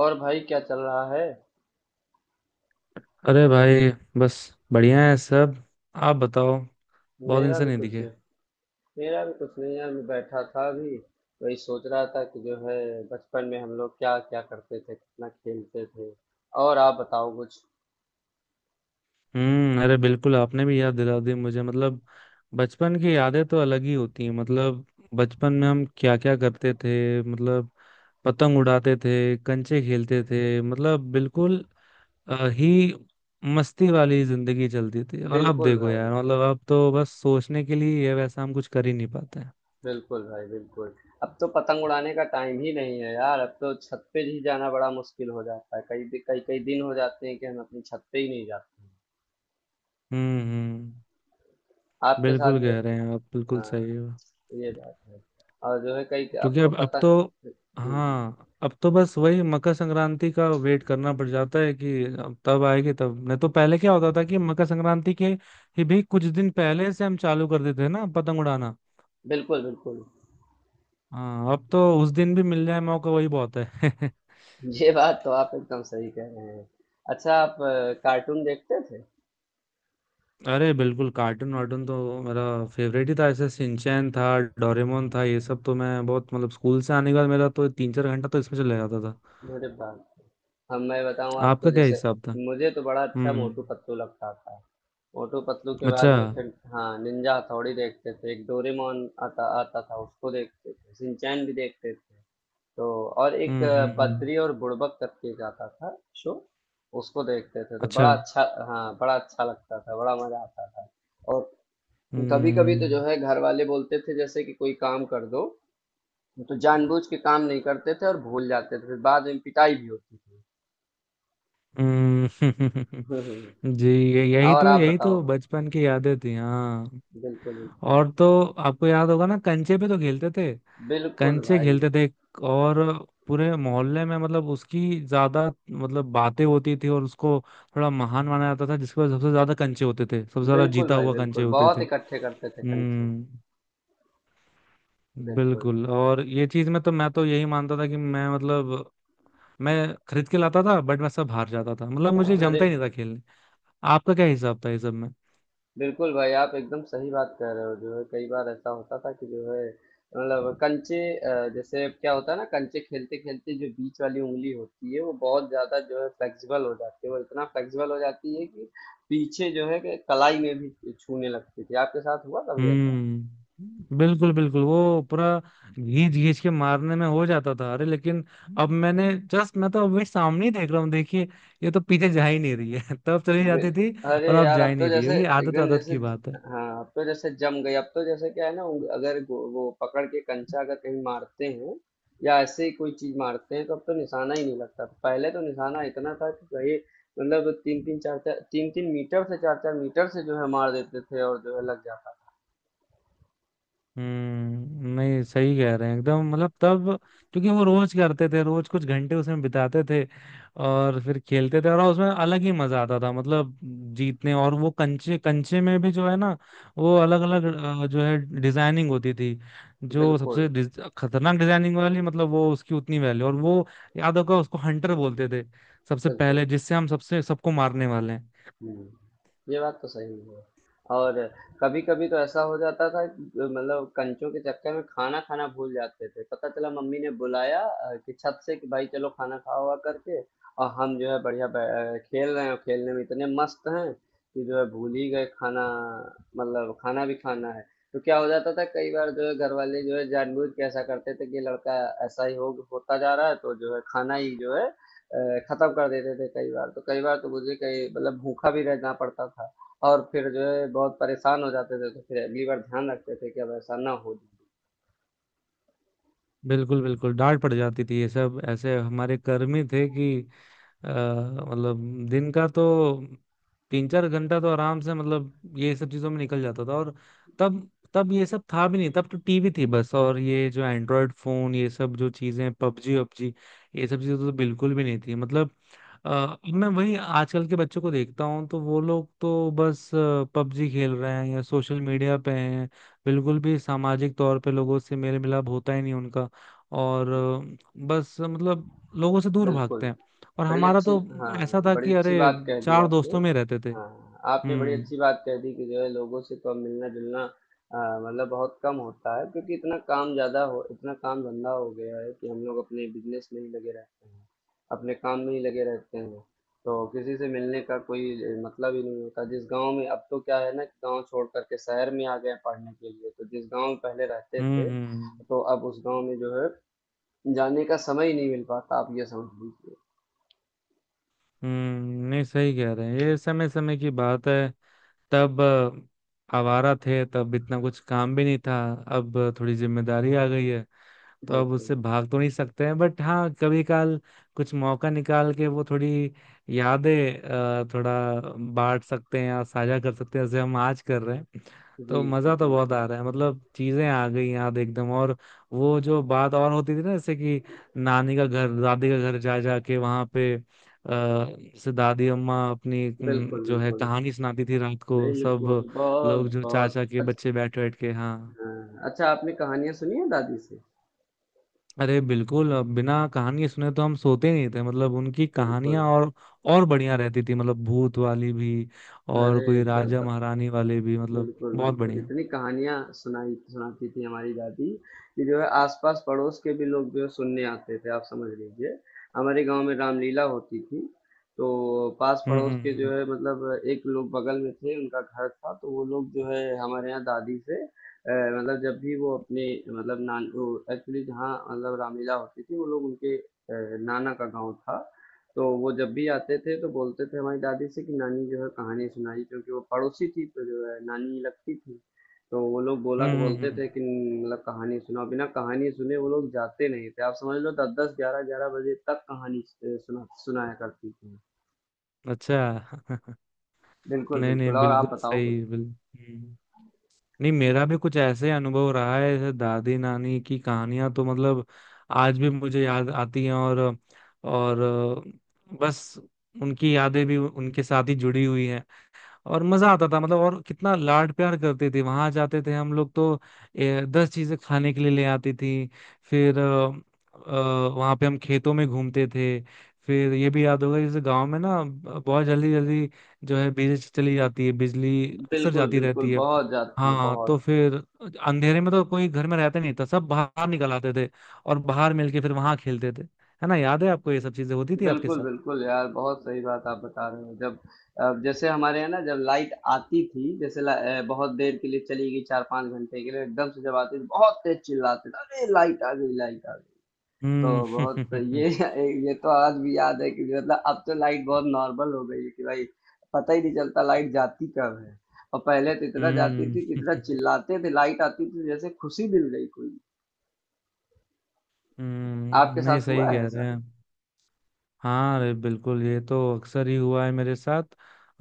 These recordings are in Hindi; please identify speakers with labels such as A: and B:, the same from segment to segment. A: और भाई क्या चल रहा है।
B: अरे भाई, बस बढ़िया है सब। आप बताओ। बहुत दिन
A: मेरा
B: से
A: भी
B: नहीं
A: कुछ
B: दिखे।
A: नहीं मेरा भी कुछ नहीं यार, मैं बैठा था अभी। वही सोच रहा था कि जो है बचपन में हम लोग क्या क्या करते थे, कितना खेलते थे। और आप बताओ कुछ।
B: हम्म। अरे बिल्कुल, आपने भी याद दिला दी मुझे। मतलब बचपन की यादें तो अलग ही होती हैं। मतलब बचपन में हम क्या क्या करते थे। मतलब पतंग उड़ाते थे, कंचे खेलते थे, मतलब बिल्कुल ही मस्ती वाली जिंदगी चलती थी। और अब
A: बिल्कुल
B: देखो
A: भाई,
B: यार, मतलब अब तो बस सोचने के लिए ये वैसा, हम कुछ कर ही नहीं पाते हैं।
A: बिल्कुल भाई, बिल्कुल। अब तो पतंग उड़ाने का टाइम ही नहीं है यार। अब तो छत पे ही जाना बड़ा मुश्किल हो जाता है, कई कई कई दिन हो जाते हैं कि हम अपनी छत पे ही नहीं जाते।
B: हम्म, हम्म।
A: आपके साथ
B: बिल्कुल
A: भी?
B: कह रहे हैं आप, बिल्कुल सही
A: हाँ,
B: है।
A: ये बात है। और जो है कई अब
B: क्योंकि
A: तो
B: अब तो,
A: पतंग। जी जी।
B: हाँ अब तो बस वही मकर संक्रांति का वेट करना पड़ जाता है कि अब तब आएगी तब नहीं। तो पहले क्या होता था कि मकर संक्रांति के ही भी कुछ दिन पहले से हम चालू कर देते हैं ना पतंग उड़ाना।
A: बिल्कुल बिल्कुल।
B: हाँ अब तो उस दिन भी मिल जाए मौका, वही बहुत है।
A: ये बात तो आप एकदम सही कह रहे हैं। अच्छा, आप कार्टून देखते थे?
B: अरे बिल्कुल। कार्टून वार्टून तो मेरा फेवरेट ही था। ऐसे सिंचैन था, डोरेमोन था, ये सब तो मैं बहुत, मतलब स्कूल से आने के बाद मेरा तो तीन चार घंटा तो इसमें चला जाता था।
A: अरे बाप रे। हम मैं बताऊं आपको,
B: आपका क्या
A: जैसे
B: हिसाब था?
A: मुझे तो बड़ा अच्छा
B: हम्म।
A: मोटू पतलू लगता था। मोटू पतलू के बाद
B: अच्छा।
A: में फिर हाँ निंजा हथौड़ी देखते थे, एक डोरेमोन आता आता था उसको देखते थे, सिंचैन भी देखते थे तो। और एक
B: हम्म, हम्म, हम्म।
A: बद्री और बुड़बक करके एक आता था शो, उसको देखते थे तो
B: अच्छा।
A: बड़ा अच्छा, हाँ बड़ा अच्छा लगता था, बड़ा मजा आता था। और कभी कभी तो जो
B: हम्म,
A: है घर वाले बोलते थे जैसे कि कोई काम कर दो, तो जानबूझ के काम नहीं करते थे और भूल जाते थे, फिर बाद में पिटाई भी होती थी।
B: हम्म।
A: हम्म,
B: जी, यही
A: और
B: तो,
A: आप
B: यही तो
A: बताओ?
B: बचपन की यादें थी। हाँ।
A: बिल्कुल बिल्कुल।
B: और तो, आपको याद होगा ना, कंचे पे तो खेलते थे।
A: बिल्कुल
B: कंचे
A: भाई,
B: खेलते थे। और पूरे मोहल्ले में मतलब उसकी ज्यादा मतलब बातें होती थी और उसको थोड़ा महान माना जाता था जिसके पास सबसे ज्यादा कंचे होते थे, सबसे ज्यादा
A: बिल्कुल
B: जीता
A: भाई,
B: हुआ कंचे
A: बिल्कुल।
B: होते
A: बहुत
B: थे।
A: इकट्ठे करते थे कंचे।
B: हम्म।
A: बिल्कुल।
B: बिल्कुल। और ये चीज में तो मैं तो यही मानता था कि मैं, मतलब मैं खरीद के लाता था बट मैं सब हार जाता था, मतलब मुझे
A: अरे
B: जमता ही नहीं था। आपका क्या हिसाब था इस सब में?
A: बिल्कुल भाई, आप एकदम सही बात कह रहे हो। जो है कई बार ऐसा होता था कि जो है मतलब कंचे, जैसे अब क्या होता है ना, कंचे खेलते खेलते जो बीच वाली उंगली होती है वो बहुत ज्यादा जो है फ्लेक्सिबल हो जाती है, वो इतना फ्लेक्सिबल हो जाती है कि पीछे जो है कि कलाई में भी छूने लगती थी। आपके साथ हुआ कभी ऐसा?
B: हम्म। बिल्कुल, बिल्कुल, वो पूरा घींच घींच के मारने में हो जाता था। अरे लेकिन अब मैंने जस्ट, मैं तो अभी सामने ही देख रहा हूँ, देखिए, ये तो पीछे जा ही नहीं रही है। तब चली
A: बिल
B: जाती थी,
A: अरे
B: और अब
A: यार,
B: जा
A: अब
B: ही
A: तो
B: नहीं रही
A: जैसे
B: है। ये आदत
A: एकदम
B: आदत
A: जैसे,
B: की बात है।
A: हाँ अब तो जैसे जम गई। अब तो जैसे क्या है ना, उंग- अगर गो- वो पकड़ के कंचा अगर कहीं मारते हैं या ऐसे ही कोई चीज मारते हैं तो अब तो निशाना ही नहीं लगता। पहले तो निशाना इतना था कि भाई मतलब 3 3 4 4 3 3 मीटर से 4 4 मीटर से जो है मार देते थे और जो है लग जाता।
B: हम्म। नहीं, सही कह रहे हैं एकदम, मतलब तब, क्योंकि वो रोज करते थे, रोज कुछ घंटे उसमें बिताते थे और फिर खेलते थे और उसमें अलग ही मजा आता था, मतलब जीतने, और वो कंचे कंचे में भी जो है ना, वो अलग अलग जो है डिजाइनिंग होती थी। जो
A: बिल्कुल
B: सबसे खतरनाक डिजाइनिंग वाली, मतलब वो उसकी उतनी वैल्यू। और वो, याद होगा, उसको हंटर बोलते थे। सबसे
A: बिल्कुल।
B: पहले जिससे हम सबसे सबको मारने वाले हैं।
A: हुँ, ये बात तो सही है। और कभी-कभी तो ऐसा हो जाता था कि मतलब कंचों के चक्कर में खाना खाना भूल जाते थे। पता चला मम्मी ने बुलाया कि छत से कि भाई चलो खाना खाओ-वाओ करके, और हम जो है बढ़िया खेल रहे हैं और खेलने में इतने मस्त हैं कि जो है भूल ही गए खाना, मतलब खाना भी खाना है। तो क्या हो जाता था कई बार जो है घर वाले जो है जानबूझ के ऐसा करते थे कि लड़का ऐसा ही हो होता जा रहा है तो जो है खाना ही जो है खत्म कर देते थे कई बार तो। कई बार तो मुझे कई मतलब भूखा भी रहना पड़ता था और फिर जो है बहुत परेशान हो जाते थे तो फिर अगली बार ध्यान रखते थे कि अब ऐसा ना हो।
B: बिल्कुल, बिल्कुल। डांट पड़ जाती थी। ये सब ऐसे हमारे कर्मी थे कि मतलब दिन का तो तीन चार घंटा तो आराम से, मतलब ये सब चीजों में निकल जाता था। और तब तब ये सब था भी नहीं। तब तो टीवी थी बस, और ये जो एंड्रॉयड फोन, ये सब जो चीजें, पबजी वबजी, ये सब चीजें तो बिल्कुल भी नहीं थी। मतलब मैं वही आजकल के बच्चों को देखता हूँ तो वो लोग तो बस पबजी खेल रहे हैं या सोशल मीडिया पे हैं। बिल्कुल भी सामाजिक तौर पे लोगों से मेल मिलाप होता ही नहीं उनका। और बस, मतलब लोगों से दूर भागते
A: बिल्कुल।
B: हैं। और
A: बड़ी
B: हमारा
A: अच्छी,
B: तो
A: हाँ
B: ऐसा था
A: बड़ी
B: कि
A: अच्छी
B: अरे,
A: बात कह दी
B: चार
A: आपने।
B: दोस्तों में रहते थे।
A: हाँ, आपने बड़ी
B: हम्म,
A: अच्छी बात कह दी कि जो है लोगों से तो अब मिलना-जुलना अ, मतलब बहुत कम होता है, क्योंकि इतना काम ज़्यादा हो, इतना काम-धंधा हो गया है कि हम लोग अपने बिज़नेस में ही लगे रहते हैं, अपने काम में ही लगे रहते हैं। तो किसी से मिलने का कोई मतलब ही नहीं होता। जिस गाँव में अब तो क्या है ना कि गाँव छोड़ कर के शहर में आ गए हैं पढ़ने के लिए, तो जिस गाँव में पहले रहते
B: हम्म,
A: थे,
B: हम्म,
A: तो अब उस गाँव में जो है जाने का समय ही नहीं मिल पाता, आप ये समझ लीजिए।
B: हम्म। नहीं, सही कह रहे हैं। ये समय समय की बात है। तब, आवारा थे, तब इतना कुछ काम भी नहीं था। अब थोड़ी जिम्मेदारी आ गई है, तो अब उससे
A: बिल्कुल।
B: भाग तो नहीं सकते हैं। बट हाँ, कभी काल कुछ मौका निकाल के वो थोड़ी यादें, थोड़ा बांट सकते हैं या साझा कर सकते हैं, जैसे हम आज कर रहे हैं।
A: जी,
B: तो
A: जी,
B: मजा तो बहुत
A: बिल्कुल।
B: आ रहा है, मतलब चीजें आ गई याद एकदम। और वो जो बात और होती थी ना, जैसे कि नानी का घर, दादी का घर जा जा के वहां पे जैसे दादी अम्मा अपनी
A: बिल्कुल,
B: जो है
A: बिल्कुल।
B: कहानी सुनाती थी रात को, सब
A: बिल्कुल,
B: लोग, जो
A: बहुत-बहुत
B: चाचा के
A: अच्छ।
B: बच्चे, बैठ बैठ के, हाँ।
A: हाँ, अच्छा, आपने कहानियाँ सुनी हैं दादी से?
B: अरे बिल्कुल। अब बिना कहानी सुने तो हम सोते नहीं थे, मतलब उनकी
A: बिल्कुल।
B: कहानियां और बढ़िया रहती थी, मतलब भूत वाली भी, और
A: अरे!
B: कोई
A: एकदम
B: राजा महारानी वाले भी, मतलब
A: बिल्कुल,
B: बहुत
A: बिल्कुल।
B: बढ़िया।
A: इतनी कहानियाँ सुनाई सुनाती थी हमारी दादी कि जो है आस-पास पड़ोस के भी लोग जो है सुनने आते थे, आप समझ लीजिए। हमारे गाँव में रामलीला होती थी, तो
B: हम्म,
A: पास-पड़ोस
B: हम्म,
A: के जो
B: हम्म,
A: है मतलब एक लोग बगल में थे, उनका घर था, तो वो लोग जो है हमारे यहाँ दादी से मतलब जब भी वो अपने मतलब नान वो एक्चुअली जहाँ मतलब रामलीला होती थी, वो लोग उनके नाना का गाँव था। तो वो जब भी आते थे तो बोलते थे हमारी दादी से कि नानी जो है कहानी सुनाई, क्योंकि वो पड़ोसी थी तो जो है नानी लगती थी। तो वो लोग बोला
B: हम्म,
A: बोलते थे कि मतलब कहानी सुनाओ, बिना कहानी सुने वो लोग जाते नहीं थे, आप समझ लो, 10 10 11 11 बजे तक कहानी सुनाया करती थी।
B: अच्छा।
A: बिल्कुल
B: नहीं, नहीं,
A: बिल्कुल। और
B: बिल्कुल
A: आप बताओ कुछ।
B: सही, बिल्कुल। हम्म। नहीं, मेरा भी कुछ ऐसे अनुभव रहा है, जैसे दादी नानी की कहानियां तो मतलब आज भी मुझे याद आती हैं। और बस, उनकी यादें भी उनके साथ ही जुड़ी हुई हैं। और मजा आता था, मतलब, और कितना लाड प्यार करते थे। वहां जाते थे हम लोग तो, दस चीजें खाने के लिए ले आती थी। फिर वहां पे हम खेतों में घूमते थे। फिर ये भी याद होगा, जैसे गांव में ना, बहुत जल्दी जल्दी जो है बिजली चली जाती है। बिजली अक्सर
A: बिल्कुल
B: जाती
A: बिल्कुल।
B: रहती है।
A: बहुत जाती है,
B: हाँ तो
A: बहुत।
B: फिर अंधेरे में तो कोई घर में रहता नहीं था, सब बाहर निकल आते थे और बाहर मिलके फिर वहां खेलते थे। है ना, याद है आपको ये सब चीजें होती थी आपके
A: बिल्कुल,
B: साथ?
A: बिल्कुल यार, बहुत सही बात आप बता रहे हो। जब जैसे हमारे यहाँ ना जब लाइट आती थी, जैसे बहुत देर के लिए चली गई 4-5 घंटे के लिए, एकदम से जब आती थी, बहुत तेज़ चिल्लाते थे, "अरे! लाइट आ गई, लाइट आ गई।"
B: हम्म।
A: तो बहुत ये तो आज भी याद है कि मतलब अब तो लाइट बहुत नॉर्मल हो गई है कि भाई पता ही नहीं चलता लाइट जाती कब है। और पहले तो इतना जाती
B: हम्म,
A: थी कि इतना चिल्लाते थे, लाइट आती थी जैसे खुशी मिल गई कोई।
B: हम्म,
A: आपके
B: नहीं
A: साथ
B: सही
A: हुआ है
B: कह रहे
A: ऐसा?
B: हैं। हाँ अरे बिल्कुल, ये तो अक्सर ही हुआ है मेरे साथ।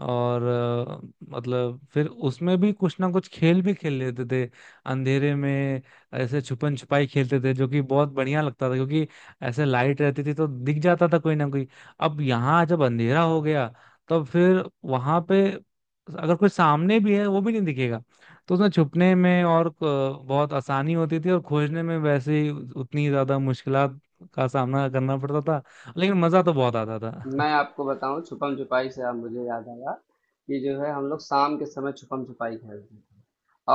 B: और मतलब फिर उसमें भी कुछ ना कुछ खेल भी खेल लेते थे अंधेरे में। ऐसे छुपन छुपाई खेलते थे, जो कि बहुत बढ़िया लगता था, क्योंकि ऐसे लाइट रहती थी तो दिख जाता था कोई ना कोई। अब यहाँ जब अंधेरा हो गया तब फिर वहां पे, अगर कोई सामने भी है, वो भी नहीं दिखेगा। तो उसमें छुपने में और बहुत आसानी होती थी और खोजने में वैसे ही उतनी ज्यादा मुश्किलात का सामना करना पड़ता था। लेकिन मजा तो बहुत आता था।
A: मैं आपको बताऊं छुपम छुपाई से आप मुझे याद आया कि जो है हम लोग शाम के समय छुपम छुपाई खेलते थे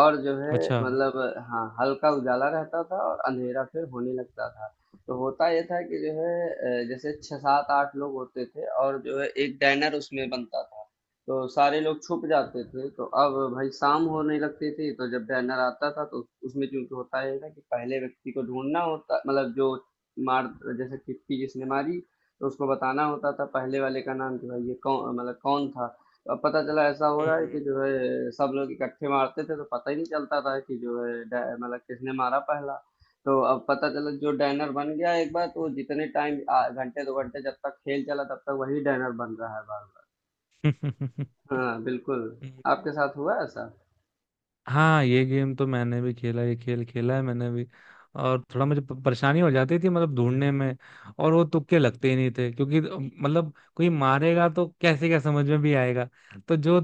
A: और जो है
B: अच्छा।
A: मतलब हाँ हल्का उजाला रहता था और अंधेरा फिर होने लगता था। तो होता यह था कि जो है जैसे छः सात आठ लोग होते थे और जो है एक डैनर उसमें बनता था, तो सारे लोग छुप जाते थे। तो अब भाई शाम होने लगती थी तो जब डैनर आता था तो उसमें चूंकि होता यह था कि पहले व्यक्ति को ढूंढना होता, मतलब जो मार जैसे टिप्पी जिसने मारी तो उसको बताना होता था पहले वाले का नाम कि भाई ये कौन मतलब कौन था। तो अब पता चला ऐसा हो रहा है कि
B: हम्म।
A: जो है सब लोग इकट्ठे मारते थे तो पता ही नहीं चलता था कि जो है मतलब किसने मारा पहला। तो अब पता चला जो डैनर बन गया एक बार तो वो जितने टाइम घंटे 2 घंटे जब तक खेल चला तब तक वही डैनर बन रहा है बार बार। हाँ बिल्कुल।
B: हम्म।
A: आपके साथ हुआ है ऐसा?
B: हाँ ये गेम तो मैंने भी खेला, ये खेल खेला है मैंने भी। और थोड़ा मुझे परेशानी हो जाती थी, मतलब ढूंढने में। और वो तुक्के लगते ही नहीं थे, क्योंकि मतलब कोई मारेगा तो कैसे क्या समझ में भी आएगा? तो जो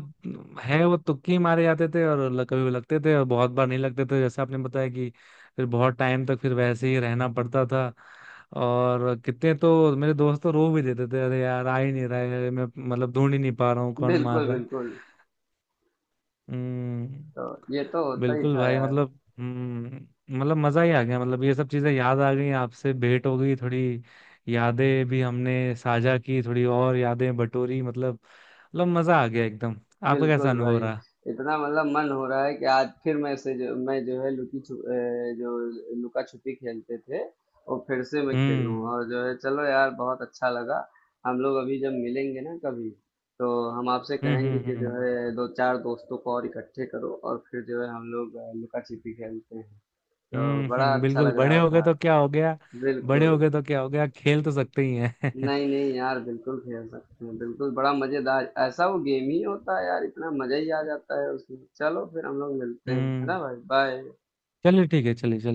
B: है वो तुक्के ही मारे जाते थे। और कभी वो लगते थे और बहुत बार नहीं लगते थे, जैसे आपने बताया कि फिर बहुत टाइम तक फिर वैसे ही रहना पड़ता था। और कितने तो मेरे दोस्त तो रो भी देते थे, अरे यार आ ही नहीं रहा है, मैं मतलब ढूंढ ही नहीं पा रहा हूँ कौन मार
A: बिल्कुल
B: रहा है।
A: बिल्कुल। तो
B: हम्म।
A: ये तो होता ही
B: बिल्कुल
A: था
B: भाई,
A: यार।
B: मतलब हम्म। मतलब मजा ही आ गया, मतलब ये सब चीजें याद आ गई, आपसे भेंट हो गई थोड़ी, यादें भी हमने साझा की थोड़ी और यादें बटोरी, मतलब, मतलब मजा आ गया एकदम। आपका कैसा
A: बिल्कुल
B: अनुभव
A: भाई।
B: रहा?
A: इतना मतलब मन हो रहा है कि आज फिर मैं से जो मैं जो है लुकी छुप अ, जो लुका छुपी खेलते थे और फिर से मैं खेलूँ।
B: हम्म,
A: और जो है चलो यार, बहुत अच्छा लगा। हम लोग अभी जब मिलेंगे ना कभी, तो हम आपसे
B: हम्म,
A: कहेंगे
B: हम्म,
A: कि जो
B: हम्म,
A: है दो चार दोस्तों को और इकट्ठे करो और फिर जो है हम लोग लुका छिपी खेलते हैं, तो
B: हम्म,
A: बड़ा
B: हम्म।
A: अच्छा
B: बिल्कुल,
A: लग
B: बड़े
A: रहा
B: हो गए
A: था।
B: तो क्या हो गया? बड़े हो
A: बिल्कुल।
B: गए तो क्या हो गया, खेल तो सकते ही हैं।
A: नहीं नहीं यार, बिल्कुल खेल सकते हैं, बिल्कुल। बड़ा मजेदार ऐसा वो गेम ही होता है यार, इतना मजा ही आ जाता है उसमें। चलो फिर हम लोग मिलते हैं, है
B: हम्म।
A: ना भाई, बाय।
B: चलिए ठीक है, चलिए, चलिए।